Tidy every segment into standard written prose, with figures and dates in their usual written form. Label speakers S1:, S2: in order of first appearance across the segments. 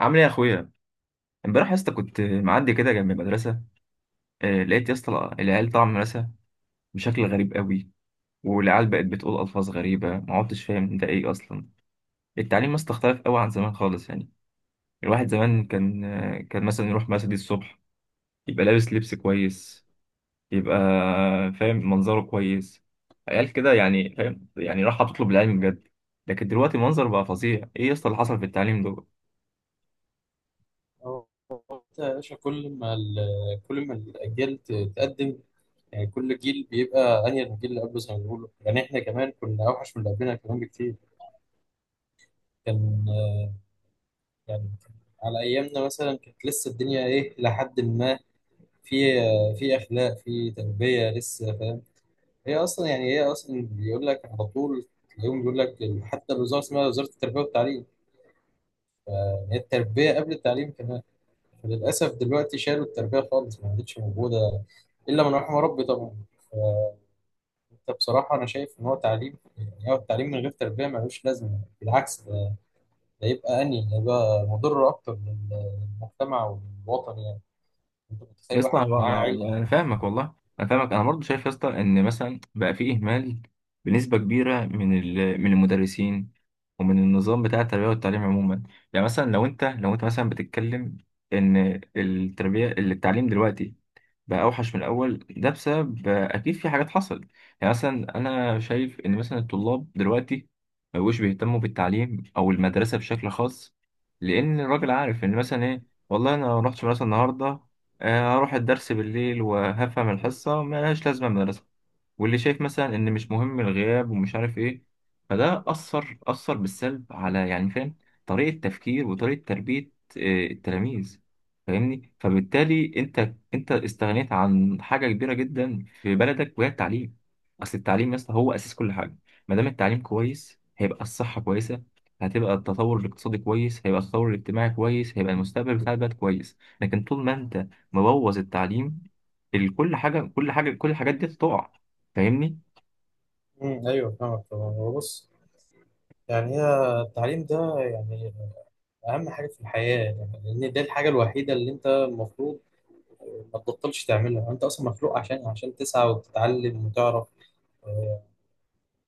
S1: عامل ايه يا اخويا؟ امبارح يا اسطى كنت معدي كده جنب المدرسه. لقيت يا اسطى العيال طالعه من المدرسه بشكل غريب قوي. والعيال بقت بتقول الفاظ غريبه، ما عدتش فاهم ده ايه اصلا. التعليم يا اسطى اختلف قوي عن زمان خالص، يعني الواحد زمان كان مثلا يروح مسجد الصبح، يبقى لابس لبس كويس، يبقى فاهم منظره كويس، عيال كده يعني، فاهم؟ يعني راح تطلب العلم بجد. لكن دلوقتي المنظر بقى فظيع. ايه يا اسطى اللي حصل في التعليم ده؟
S2: هو انت يا باشا كل ما الاجيال تقدم. يعني كل جيل بيبقى انهي من الجيل اللي قبله زي ما بيقولوا، يعني احنا كمان كنا اوحش من اللي قبلنا كمان بكتير. كان يعني على ايامنا مثلا كانت لسه الدنيا ايه، لحد ما في في اخلاق، في تربيه لسه، فاهم. هي اصلا بيقول لك على طول اليوم، بيقول لك حتى الوزاره اسمها وزاره التربيه والتعليم، يعني هي التربيه قبل التعليم كمان. للأسف دلوقتي شالوا التربية خالص، ما عادتش موجودة إلا من رحم ربي طبعا. فأنت بصراحة أنا شايف إن هو تعليم، يعني هو التعليم من غير تربية ملوش لازمة، بالعكس ده ده يبقى أني ده يبقى مضر أكتر للمجتمع وللوطن يعني. أنت
S1: يا
S2: متخيل
S1: اسطى
S2: واحد
S1: انا
S2: معاه
S1: انا
S2: علم.
S1: أنا فاهمك والله. انا فاهمك، انا برضه شايف يا اسطى ان مثلا بقى في اهمال بنسبه كبيره من من المدرسين، ومن النظام بتاع التربيه والتعليم عموما. يعني مثلا لو انت مثلا بتتكلم ان التربيه التعليم دلوقتي بقى اوحش من الاول، ده بسبب اكيد في حاجات حصلت. يعني مثلا انا شايف ان مثلا الطلاب دلوقتي ما بقوش بيهتموا بالتعليم او المدرسه بشكل خاص، لان الراجل عارف ان مثلا ايه، والله انا ما رحتش مدرسه النهارده. هروح الدرس بالليل وهفهم الحصه، ملهاش لازمه المدرسه. واللي شايف مثلا ان مش مهم الغياب ومش عارف ايه، فده اثر بالسلب على، يعني، فاهم، طريقه تفكير وطريقه تربيه التلاميذ. فاهمني؟ فبالتالي انت استغنيت عن حاجه كبيره جدا في بلدك، وهي التعليم. اصل التعليم يا اسطى هو اساس كل حاجه. ما دام التعليم كويس هيبقى الصحه كويسه، هتبقى التطور الاقتصادي كويس، هيبقى التطور الاجتماعي كويس، هيبقى المستقبل بتاع البلد كويس. لكن طول ما انت مبوظ التعليم، كل حاجه، كل الحاجات دي تقع. فاهمني؟
S2: ايوه فاهمك طبعا. هو بص، يعني هي التعليم ده يعني اهم حاجه في الحياه، يعني لان دي الحاجه الوحيده اللي انت المفروض ما تبطلش تعملها. انت اصلا مخلوق عشان تسعى وتتعلم وتعرف.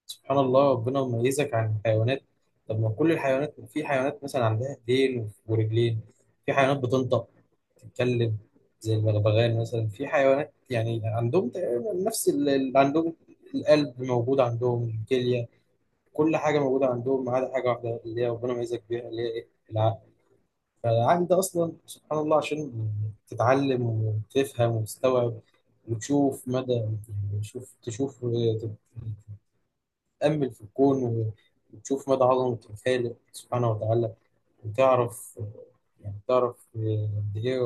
S2: سبحان الله ربنا مميزك عن الحيوانات. طب ما كل الحيوانات، في حيوانات مثلا عندها ايدين ورجلين، في حيوانات بتنطق، تتكلم زي البغبغان مثلا. في حيوانات يعني عندهم تقريباً نفس اللي عندهم، القلب موجود عندهم، الكلية، كل حاجة موجودة عندهم، ما عدا حاجة واحدة اللي هي ربنا ميزك بيها، اللي هي إيه؟ العقل. فالعقل ده أصلا سبحان الله عشان تتعلم وتفهم وتستوعب، وتشوف مدى، يعني تشوف تأمل في الكون، وتشوف مدى عظمة الخالق سبحانه وتعالى، وتعرف يعني تعرف قد إيه،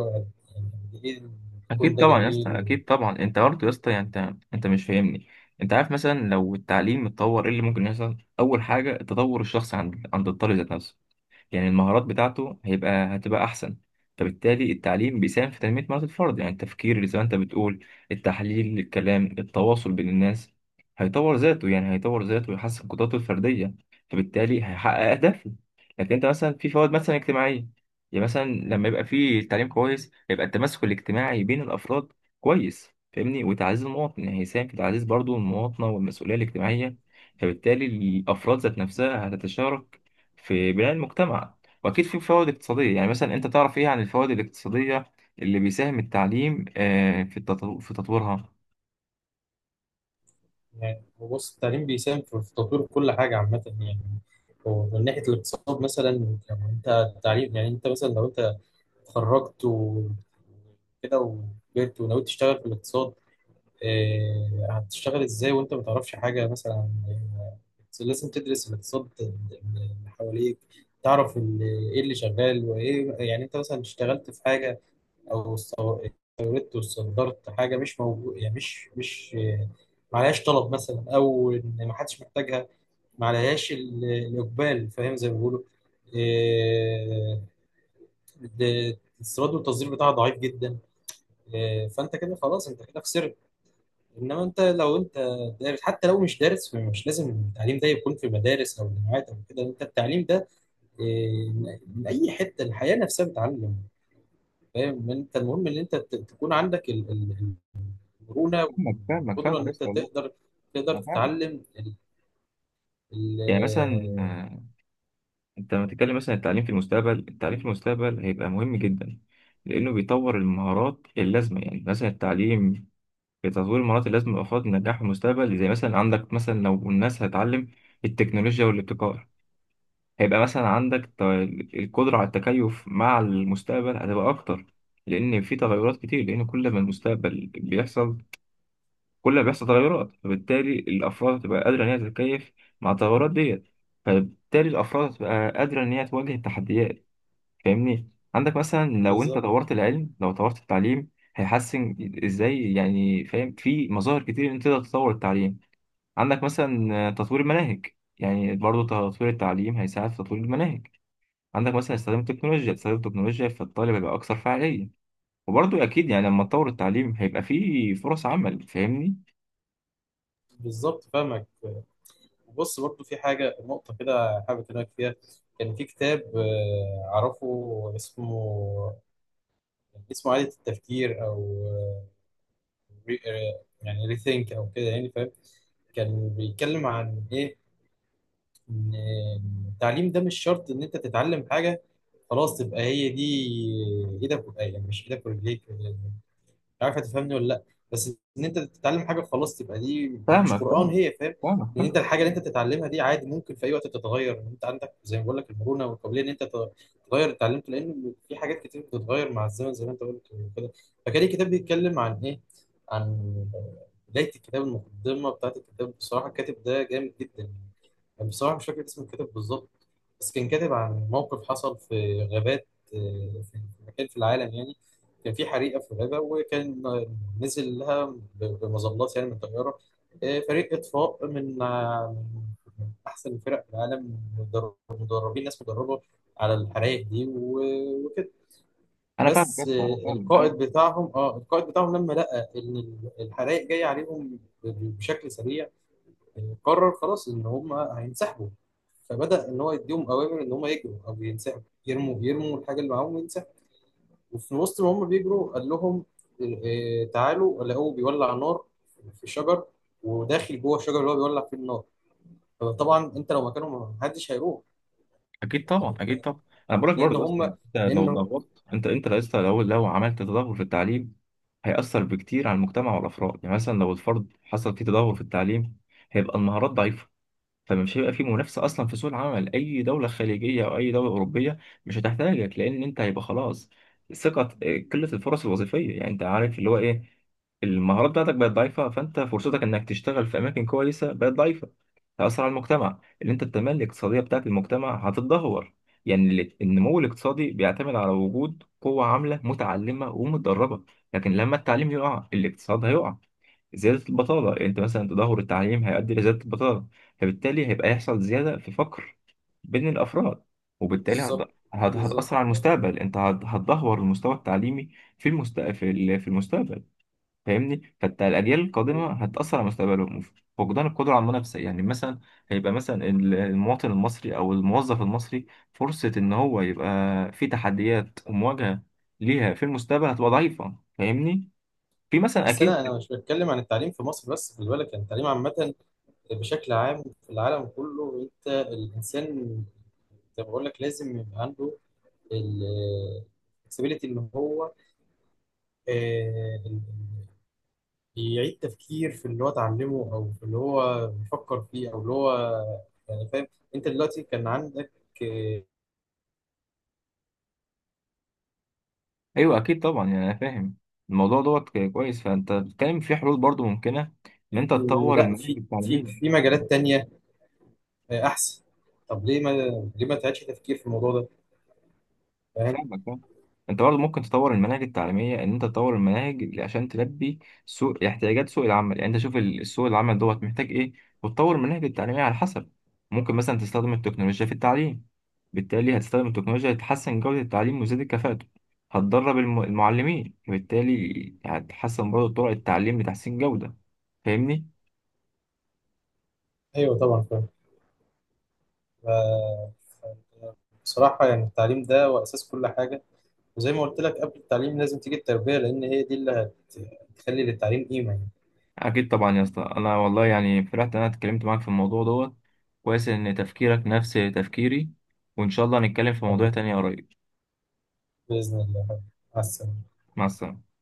S2: يعني قد إيه الكون
S1: اكيد
S2: ده
S1: طبعا يا اسطى،
S2: جميل.
S1: اكيد طبعا. انت برضه يا اسطى، يعني انت مش فاهمني. انت عارف مثلا لو التعليم اتطور ايه اللي ممكن يحصل؟ اول حاجه التطور الشخصي عند الطالب ذات نفسه. يعني المهارات بتاعته هتبقى أحسن، فبالتالي التعليم بيساهم في تنمية مهارات الفرد، يعني التفكير اللي زي ما أنت بتقول، التحليل، الكلام، التواصل بين الناس. هيطور ذاته، يعني هيطور ذاته ويحسن قدراته الفردية، فبالتالي هيحقق أهدافه. لكن أنت مثلا في فوائد مثلا اجتماعية، يعني مثلا لما يبقى في تعليم كويس هيبقى التماسك الاجتماعي بين الأفراد كويس. فاهمني؟ وتعزيز المواطن، يعني هيساهم في تعزيز برضه المواطنة والمسؤولية الاجتماعية، فبالتالي الأفراد ذات نفسها هتتشارك في بناء المجتمع. واكيد في فوائد اقتصاديه. يعني مثلا انت تعرف ايه عن الفوائد الاقتصاديه اللي بيساهم التعليم في في تطويرها؟
S2: يعني هو بص، التعليم بيساهم في تطوير كل حاجة عامة يعني. ومن ناحية الاقتصاد مثلا، يعني أنت التعليم، يعني أنت مثلا لو أنت اتخرجت وكده وكبرت ونويت تشتغل في الاقتصاد، إيه، هتشتغل ازاي وانت ما تعرفش حاجه مثلا؟ لازم تدرس الاقتصاد اللي حواليك، تعرف ايه اللي شغال وايه. يعني انت مثلا اشتغلت في حاجه او استوردت وصدرت حاجه مش موجود، يعني مش مش معلهاش طلب مثلا، او ان ما حدش محتاجها، معلهاش الاقبال، فاهم زي ما بيقولوا. إيه، ده الاستيراد والتصدير بتاعها ضعيف جدا. فانت كده خلاص، انت كده خسرت. انما انت لو انت دارس، حتى لو مش دارس، فمش لازم التعليم ده يكون في مدارس او جامعات او كده، انت التعليم ده إيه، من اي حته، الحياه نفسها بتعلم. فاهم. انت المهم ان انت تكون عندك المرونه
S1: فاهمك فاهمك
S2: والقدره
S1: فاهمك
S2: ان
S1: يا
S2: انت
S1: اسطى، والله
S2: تقدر،
S1: انا فاهم.
S2: تتعلم
S1: يعني مثلا
S2: ال-
S1: انت لما تتكلم مثلا عن التعليم في المستقبل، التعليم في المستقبل هيبقى مهم جدا لانه بيطور المهارات اللازمه. يعني مثلا التعليم في تطوير المهارات اللازمه لافراد النجاح في المستقبل، زي مثلا عندك مثلا لو الناس هتتعلم التكنولوجيا والابتكار هيبقى مثلا عندك القدرة على التكيف مع المستقبل هتبقى أكتر. لأن في تغيرات كتير، لأن كل ما المستقبل بيحصل كل ما بيحصل تغيرات، فبالتالي الأفراد هتبقى قادرة إن هي تتكيف مع التغيرات ديت. فبالتالي الأفراد هتبقى قادرة إن هي تواجه التحديات. فاهمني؟ عندك مثلا لو أنت
S2: بالظبط.
S1: طورت العلم، لو طورت التعليم هيحسن إزاي؟ يعني فاهم؟ في مظاهر كتير إن أنت تقدر تطور التعليم. عندك مثلا تطوير المناهج، يعني برضه تطوير التعليم هيساعد في تطوير المناهج. عندك مثلا استخدام التكنولوجيا، فالطالب هيبقى أكثر فعالية. وبرضه أكيد يعني لما تطور التعليم هيبقى فيه فرص عمل. فاهمني؟
S2: بالظبط فاهمك. بص برضو في حاجه، نقطه كده حابب اكلمك فيها. كان في كتاب اعرفه اسمه، اسمه عادة التفكير، او آه، ري- آه، يعني ريثينك او كده، يعني فاهم. كان بيتكلم عن ايه؟ ان التعليم ده مش شرط ان انت تتعلم حاجه خلاص تبقى هي دي ايدك يعني مش ايدك ورجليك، عارف؟ هتفهمني ولا لا؟ بس ان انت تتعلم حاجه خلاص تبقى دي مش
S1: فاهمك،
S2: قران
S1: فاهم،
S2: هي، فاهم.
S1: فاهمك،
S2: ان انت
S1: فاهم،
S2: الحاجه اللي انت
S1: فاهم.
S2: بتتعلمها دي عادي ممكن في اي وقت تتغير. ان انت عندك زي ما بقول لك المرونه والقابليه ان انت تغير اللي اتعلمته، لان في حاجات كتير بتتغير مع الزمن زي ما انت قلت كده. فكان الكتاب بيتكلم عن ايه؟ عن بدايه الكتاب، المقدمه بتاعت الكتاب، بصراحه الكاتب ده جامد جدا. يعني بصراحه مش فاكر اسم الكاتب بالظبط، بس كان كاتب عن موقف حصل في غابات، في مكان في العالم يعني. كان في حريقه في الغابه، وكان نزل لها بمظلات يعني من طياره فريق اطفاء، من احسن فرق في العالم، مدربين، ناس مدربه على الحرائق دي وكده.
S1: أنا فاهمك يا
S2: بس
S1: اسطى، أنا فاهمك، أنا
S2: القائد
S1: فاهمك.
S2: بتاعهم، اه القائد بتاعهم لما لقى ان الحرائق جايه عليهم بشكل سريع، قرر خلاص ان هم هينسحبوا. فبدأ ان هو يديهم اوامر ان هم يجروا او ينسحبوا، يرموا الحاجه اللي معاهم. وفي وسط ما هم بيجروا قال لهم تعالوا، لقوه بيولع نار في شجر، وداخل جوه الشجر اللي هو بيولع فيه النار. طبعا انت لو مكانهم ما حدش هيروح،
S1: أكيد طبعا، أكيد طبعا. أنا بقولك
S2: لان
S1: برضه يا اسطى،
S2: هم
S1: يعني أنت لو
S2: لانه
S1: ضغطت، أنت يا اسطى لو عملت تدهور في التعليم هيأثر بكتير على المجتمع والأفراد. يعني مثلا لو الفرد حصل فيه تدهور في التعليم هيبقى المهارات ضعيفة، فمش هيبقى في منافسه اصلا في سوق العمل. اي دوله خليجيه او اي دوله اوروبيه مش هتحتاجك، لان انت هيبقى خلاص، ثقه، قله الفرص الوظيفيه. يعني انت عارف اللي هو ايه، المهارات بتاعتك بقت ضعيفه، فانت فرصتك انك تشتغل في اماكن كويسه بقت ضعيفه. تاثر على المجتمع، اللي انت التنميه الاقتصاديه بتاعت المجتمع هتتدهور. يعني النمو الاقتصادي بيعتمد على وجود قوه عامله متعلمه ومتدربه، لكن لما التعليم يقع الاقتصاد هيقع. زيادة البطالة، يعني أنت مثلا تدهور التعليم هيؤدي لزيادة البطالة، فبالتالي هيبقى يحصل زيادة في فقر بين الأفراد. وبالتالي
S2: بالظبط. بالظبط.
S1: هتأثر على المستقبل. أنت هتدهور المستوى التعليمي في في المستقبل. فاهمني؟ فالأجيال القادمة هتأثر على مستقبلهم. فقدان القدرة على المنافسة، يعني مثلا هيبقى مثلا المواطن المصري أو الموظف المصري فرصة إن هو يبقى في تحديات ومواجهة ليها في المستقبل هتبقى ضعيفة. فاهمني؟ في مثلا
S2: بس انا
S1: أكيد.
S2: انا مش بتكلم عن التعليم في مصر بس، خلي بالك، يعني التعليم عامه بشكل عام في العالم كله. انت الانسان زي ما بقول لك لازم يبقى عنده ال flexibility ان هو آه، يعيد تفكير في اللي هو اتعلمه، او في اللي هو بيفكر فيه، او اللي هو، يعني فاهم. انت دلوقتي كان عندك آه،
S1: ايوه اكيد طبعا، يعني انا فاهم الموضوع دوت كويس. فانت بتتكلم في حلول برضو ممكنه، ان انت
S2: إن
S1: تطور
S2: لا،
S1: المناهج
S2: في
S1: التعليميه.
S2: مجالات تانية احسن. طب ليه ما، ليه ما تعيدش تفكير في الموضوع ده، فاهم.
S1: فاهمك، فاهم. انت برضو ممكن تطور المناهج التعليميه، ان انت تطور المناهج عشان تلبي احتياجات سوق العمل. يعني انت شوف السوق العمل دوت محتاج ايه، وتطور المناهج التعليميه على حسب. ممكن مثلا تستخدم التكنولوجيا في التعليم، بالتالي هتستخدم التكنولوجيا لتحسن جوده التعليم وتزيد الكفاءه. هتدرب المعلمين، وبالتالي هتحسن برضو طرق التعليم لتحسين جوده. فاهمني؟
S2: ايوه طبعا فاهم. ف- بصراحة يعني التعليم ده هو اساس كل حاجة، وزي ما قلت لك قبل التعليم لازم تيجي التربية، لان هي دي اللي هتخلي للتعليم قيمة يعني.
S1: اكيد طبعا يا اسطى، انا والله يعني فرحت ان انا اتكلمت معاك في الموضوع دوت. كويس ان تفكيرك نفس تفكيري، وان شاء الله نتكلم في موضوع
S2: حبيبي،
S1: تاني قريب.
S2: بإذن الله، مع السلامة.
S1: مع السلامه.